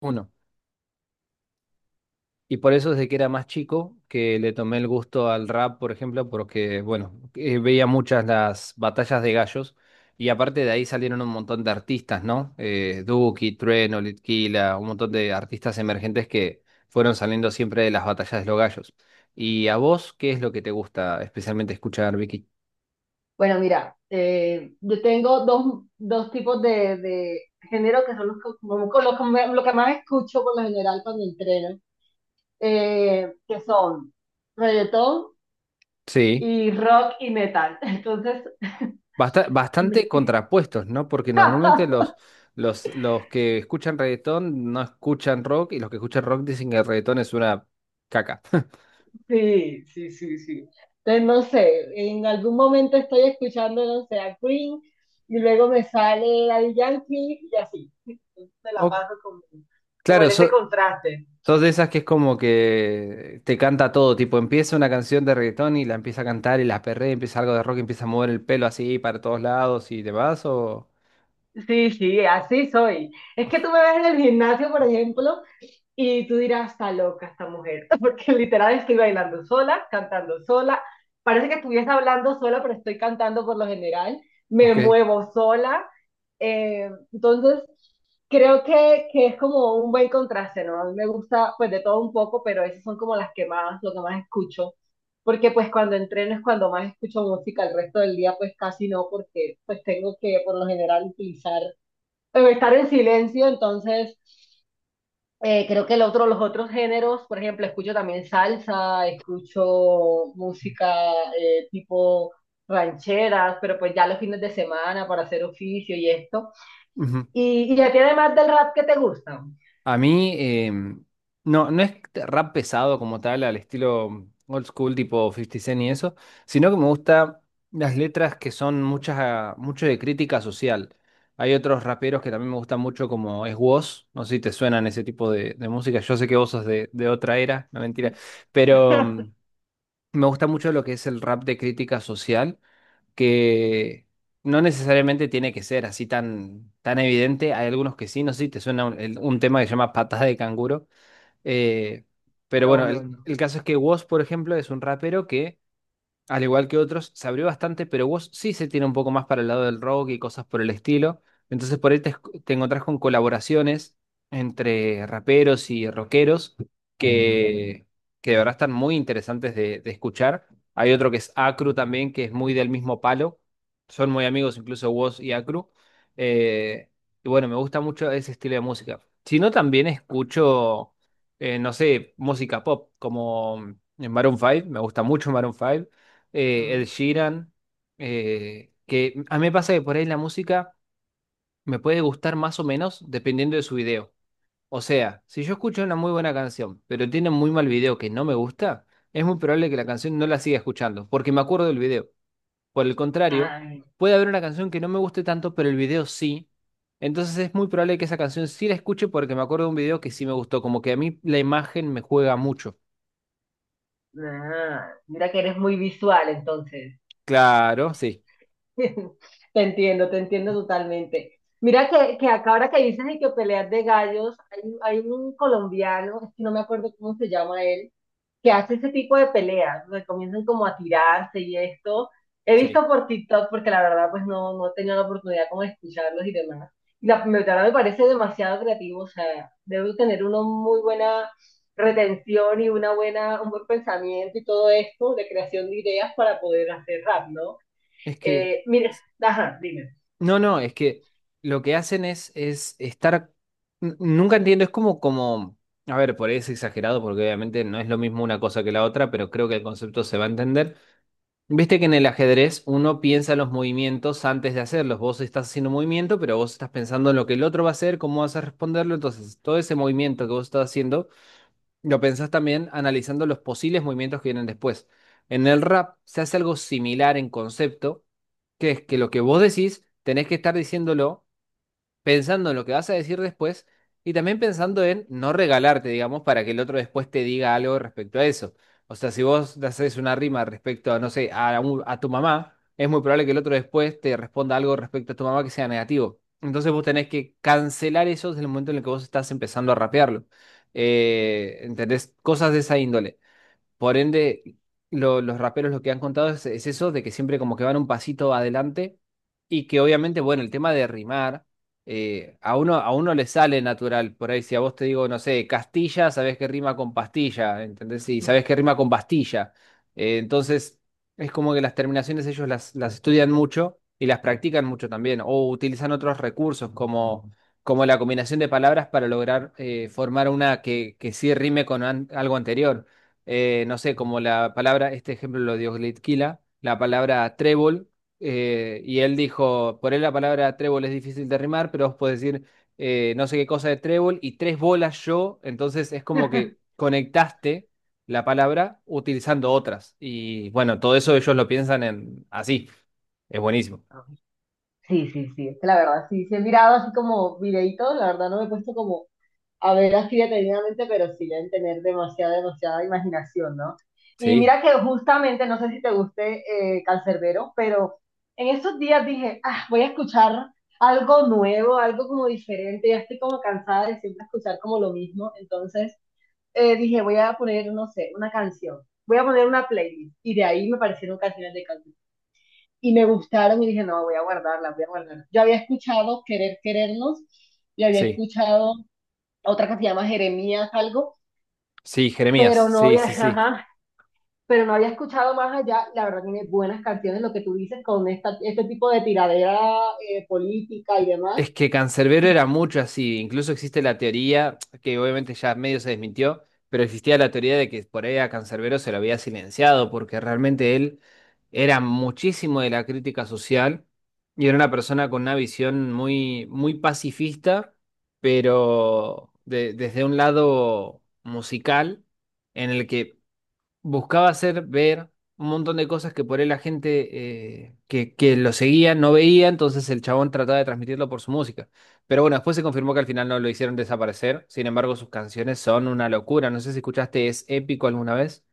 Uno. Y por eso desde que era más chico que le tomé el gusto al rap, por ejemplo, porque, bueno, veía muchas las batallas de gallos y aparte de ahí salieron un montón de artistas, ¿no? Duki, Trueno, Litquila, un montón de artistas emergentes que fueron saliendo siempre de las batallas de los gallos. ¿Y a vos qué es lo que te gusta especialmente escuchar, Vicky? Bueno, mira, yo tengo dos tipos de género que son los que, con los que lo que más escucho por lo general cuando entreno, que son reggaetón y rock y metal. Entonces, Bastante contrapuestos, ¿no? Porque normalmente los que escuchan reggaetón no escuchan rock y los que escuchan rock dicen que el reggaetón es una caca. sí, sí, sí, sí. Entonces, no sé, en algún momento estoy escuchando, no sé, a Queen y luego me sale Daddy Yankee y así. Entonces, me la O, paso como, como en claro, ese contraste. sos de esas que es como que te canta todo, tipo empieza una canción de reggaetón y la empieza a cantar y la perrea, empieza algo de rock, y empieza a mover el pelo así para todos lados y demás, o... Sí, sí, así soy. Es que tú me ves en el gimnasio, por ejemplo, y tú dirás, está loca esta mujer, porque literal estoy bailando sola, cantando sola. Parece que estuviese hablando sola, pero estoy cantando por lo general. ¿O Me qué? muevo sola. Entonces, creo que es como un buen contraste, ¿no? A mí me gusta pues de todo un poco, pero esas son como las que más, lo que más escucho. Porque pues cuando entreno es cuando más escucho música, el resto del día pues casi no, porque pues tengo que por lo general utilizar o estar en silencio, entonces creo que el otro, los otros géneros, por ejemplo, escucho también salsa, escucho música tipo rancheras, pero pues ya los fines de semana para hacer oficio y esto. Y a ti además del rap qué te gusta? A mí, no, no es rap pesado como tal, al estilo old school, tipo Fifty Cent y eso, sino que me gustan las letras que son muchas, ah, mucho de crítica social. Hay otros raperos que también me gustan mucho, como es Woz, no sé si te suenan ese tipo de música. Yo sé que vos sos de otra era, no mentira, pero me gusta mucho lo que es el rap de crítica social que no necesariamente tiene que ser así tan, tan evidente. Hay algunos que sí, no sé si te suena un, un tema que se llama Patas de Canguro. Eh, pero No, bueno, no, no. el caso es que Woz, por ejemplo, es un rapero que al igual que otros, se abrió bastante, pero vos sí se tiene un poco más para el lado del rock y cosas por el estilo. Entonces por ahí te encontrás con colaboraciones entre raperos y rockeros que, que de verdad están muy interesantes de escuchar. Hay otro que es Acru también, que es muy del mismo palo. Son muy amigos incluso Woz y Acru. Eh, y bueno, me gusta mucho ese estilo de música. Si no, también escucho, no sé, música pop, como en Maroon 5, me gusta mucho Maroon 5 Ed Mm. Sheeran, que a mí me pasa que por ahí la música me puede gustar más o menos dependiendo de su video. O sea, si yo escucho una muy buena canción, pero tiene muy mal video que no me gusta, es muy probable que la canción no la siga escuchando, porque me acuerdo del video. Por el contrario, Ay, puede haber una canción que no me guste tanto, pero el video sí. Entonces es muy probable que esa canción sí la escuche porque me acuerdo de un video que sí me gustó, como que a mí la imagen me juega mucho. ah, mira que eres muy visual entonces. Claro, sí, te entiendo totalmente. Mira que acá ahora que dices de que peleas de gallos, hay un colombiano, es que no me acuerdo cómo se llama él, que hace ese tipo de peleas, donde comienzan como a tirarse y esto. He sí. visto por TikTok porque la verdad pues no, no he tenido la oportunidad como de escucharlos y demás. Y la verdad me parece demasiado creativo, o sea, debe tener una muy buena retención y una buena, un buen pensamiento y todo esto de creación de ideas para poder hacer rap, ¿no? Es que Mira, ajá, dime. no, no, es que lo que hacen es estar. Nunca entiendo, es como, como. A ver, por ahí es exagerado, porque obviamente no es lo mismo una cosa que la otra, pero creo que el concepto se va a entender. Viste que en el ajedrez uno piensa los movimientos antes de hacerlos. Vos estás haciendo un movimiento, pero vos estás pensando en lo que el otro va a hacer, cómo vas a responderlo. Entonces, todo ese movimiento que vos estás haciendo lo pensás también analizando los posibles movimientos que vienen después. En el rap se hace algo similar en concepto, que es que lo que vos decís tenés que estar diciéndolo pensando en lo que vas a decir después y también pensando en no regalarte, digamos, para que el otro después te diga algo respecto a eso. O sea, si vos le haces una rima respecto a, no sé, a tu mamá, es muy probable que el otro después te responda algo respecto a tu mamá que sea negativo. Entonces vos tenés que cancelar eso desde el momento en el que vos estás empezando a rapearlo. ¿Entendés? Cosas de esa índole. Por ende, los raperos lo que han contado es eso, de que siempre como que van un pasito adelante y que obviamente, bueno, el tema de rimar, a uno le sale natural. Por ahí, si a vos te digo, no sé, Castilla, sabés que rima con pastilla, ¿entendés? Y sabés que rima con pastilla. Entonces, es como que las terminaciones ellos las estudian mucho y las practican mucho también, o utilizan otros recursos como... Como la combinación de palabras para lograr formar una que sí rime con algo anterior no sé, como la palabra, este ejemplo lo dio Glitquila, la palabra trébol, y él dijo, por él la palabra trébol es difícil de rimar, pero vos podés decir no sé qué cosa de trébol y tres bolas yo, entonces es como que conectaste la palabra utilizando otras. Y bueno, todo eso ellos lo piensan en así, es buenísimo. Sí, sí, sí, es que la verdad, sí, sí he mirado así como videitos, la verdad no me he puesto como a ver así detenidamente, pero sí deben tener demasiada, demasiada imaginación, ¿no? Y Sí, mira que justamente, no sé si te guste Cancerbero, pero en estos días dije, ah, voy a escuchar algo nuevo, algo como diferente, ya estoy como cansada de siempre escuchar como lo mismo, entonces dije, voy a poner, no sé, una canción, voy a poner una playlist, y de ahí me parecieron canciones de y me gustaron y dije, no, voy a guardarlas, voy a guardarlas. Yo había escuchado Querer Querernos y había sí, escuchado otra que se llama Jeremías algo, sí, Jeremías, pero no sí, había, sí, sí. ajá, pero no había escuchado más allá. La verdad tiene buenas canciones, lo que tú dices con esta, este tipo de tiradera política y demás. Es que Cancerbero era mucho así, incluso existe la teoría, que obviamente ya medio se desmintió, pero existía la teoría de que por ahí a Cancerbero se lo había silenciado, porque realmente él era muchísimo de la crítica social y era una persona con una visión muy, muy pacifista, pero desde un lado musical, en el que buscaba hacer ver un montón de cosas que por él la gente que lo seguía no veía, entonces el chabón trataba de transmitirlo por su música. Pero bueno, después se confirmó que al final no lo hicieron desaparecer, sin embargo sus canciones son una locura. No sé si escuchaste Es Épico alguna vez.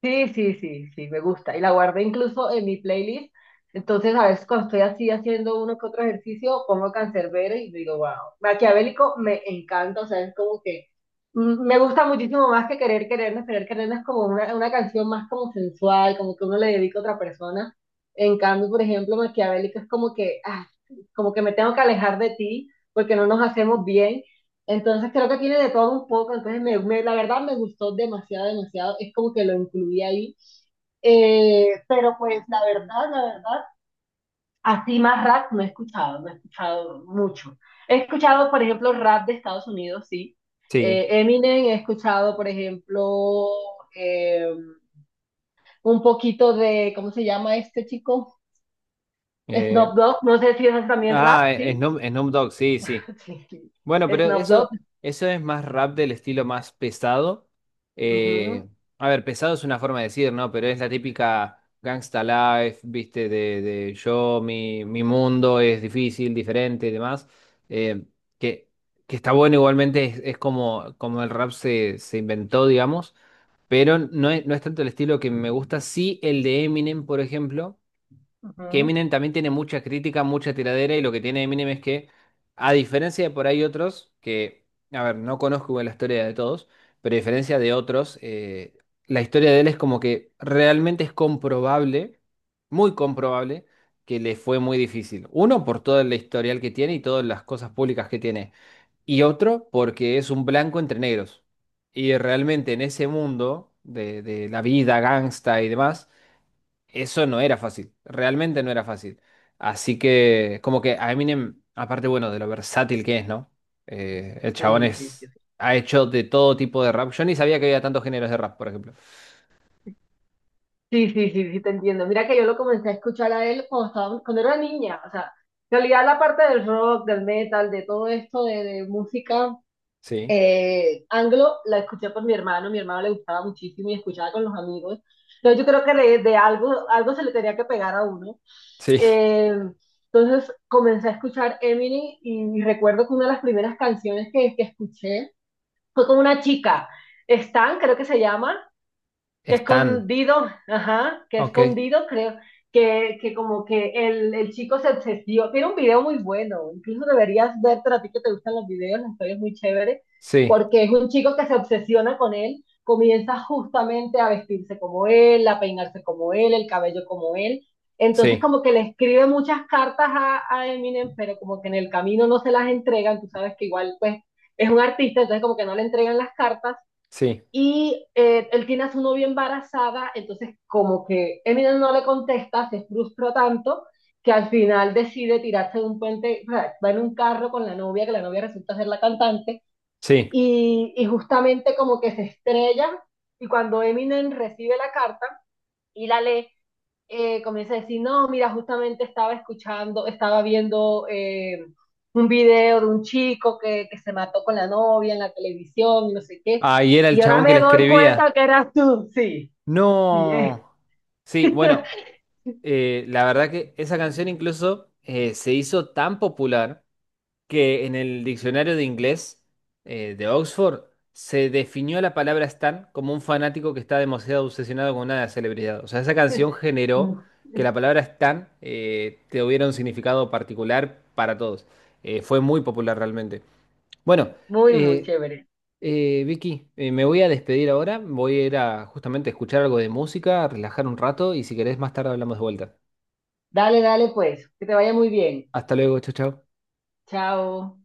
Sí, sí, sí, sí, me gusta. Y la guardé incluso en mi playlist. Entonces, a veces cuando estoy así haciendo uno que otro ejercicio, pongo Canserbero y digo, wow, Maquiavélico me encanta, o sea, es como que mm, me gusta muchísimo más que Querer Querernos. Querer Querernos es como una canción más como sensual, como que uno le dedica a otra persona. En cambio, por ejemplo, Maquiavélico es como que, ah, como que me tengo que alejar de ti porque no nos hacemos bien. Entonces creo que tiene de todo un poco, entonces la verdad me gustó demasiado, demasiado, es como que lo incluí ahí. Pero pues la verdad, así más rap no he escuchado, no he escuchado mucho. He escuchado, por ejemplo, rap de Estados Unidos, sí. Sí. Eminem, he escuchado, por ejemplo, eh, un poquito de, ¿cómo se llama este chico? Eh, Snoop Dogg, no sé si es también ah, rap, sí. Snoop, Snoop Dogg, sí, sí. Sí, sí. Bueno, pero Snoop Dogg. eso es más rap del estilo más pesado. Ujú, Eh, a ver, pesado es una forma de decir, ¿no? Pero es la típica Gangsta Life, viste, de yo, mi mundo es difícil, diferente y demás. Eh, que, que está bueno igualmente, es como, como el rap se, se inventó, digamos. Pero no es, no es tanto el estilo que me gusta. Sí, el de Eminem, por ejemplo que ujú. Eminem también tiene mucha crítica, mucha tiradera y lo que tiene Eminem es que, a diferencia de por ahí otros, que, a ver, no conozco igual la historia de todos, pero a diferencia de otros, la historia de él es como que realmente es comprobable, muy comprobable, que le fue muy difícil. Uno, por todo el historial que tiene y todas las cosas públicas que tiene. Y otro, porque es un blanco entre negros. Y realmente en ese mundo de la vida gangsta y demás, eso no era fácil, realmente no era fácil. Así que, como que a Eminem, aparte, bueno, de lo versátil que es, ¿no? El chabón Sí, sí, sí. es, ha hecho de todo tipo de rap. Yo ni sabía que había tantos géneros de rap, por ejemplo. Sí, sí, sí, sí, te entiendo. Mira que yo lo comencé a escuchar a él cuando estaba, cuando era niña. O sea, en realidad la parte del rock, del metal, de todo esto de música Sí, anglo, la escuché por mi hermano. Mi hermano le gustaba muchísimo y escuchaba con los amigos. Entonces yo creo que de algo, algo se le tenía que pegar a uno. sí, Eh, entonces comencé a escuchar Eminem y, recuerdo que una de las primeras canciones que escuché fue con una chica, Stan, creo que se llama que están, escondido, ajá, que ok, escondido, creo, que como que el chico se obsesionó. Tiene un video muy bueno, incluso deberías ver, a ti que te gustan los videos, la historia es muy chévere, sí, porque es un chico que se obsesiona con él, comienza justamente a vestirse como él, a peinarse como él, el cabello como él. Entonces sí, como que le escribe muchas cartas a Eminem, pero como que en el camino no se las entregan, tú sabes que igual pues es un artista, entonces como que no le entregan las cartas sí, y él tiene a su novia embarazada, entonces como que Eminem no le contesta, se frustra tanto que al final decide tirarse de un puente, o sea, va en un carro con la novia, que la novia resulta ser la cantante, sí. Y justamente como que se estrella, y cuando Eminem recibe la carta y la lee, comienza a decir, no, mira, justamente estaba escuchando, estaba viendo un video de un chico que se mató con la novia en la televisión, y no sé qué, Ah, y era el y ahora chabón me que le doy cuenta escribía. que eras tú, sí, sí, eh. No. Sí, bueno, la verdad que esa canción incluso se hizo tan popular. Que en el diccionario de inglés de Oxford se definió la palabra stan como un fanático que está demasiado obsesionado con una celebridad. O sea, esa canción generó que la palabra stan tuviera un significado particular para todos. Fue muy popular realmente. Bueno, Muy, muy eh, chévere. Vicky, me voy a despedir ahora. Voy a ir a justamente escuchar algo de música, relajar un rato y si querés más tarde hablamos de vuelta. Dale, dale, pues, que te vaya muy bien. Hasta luego, chao, chao. Chao.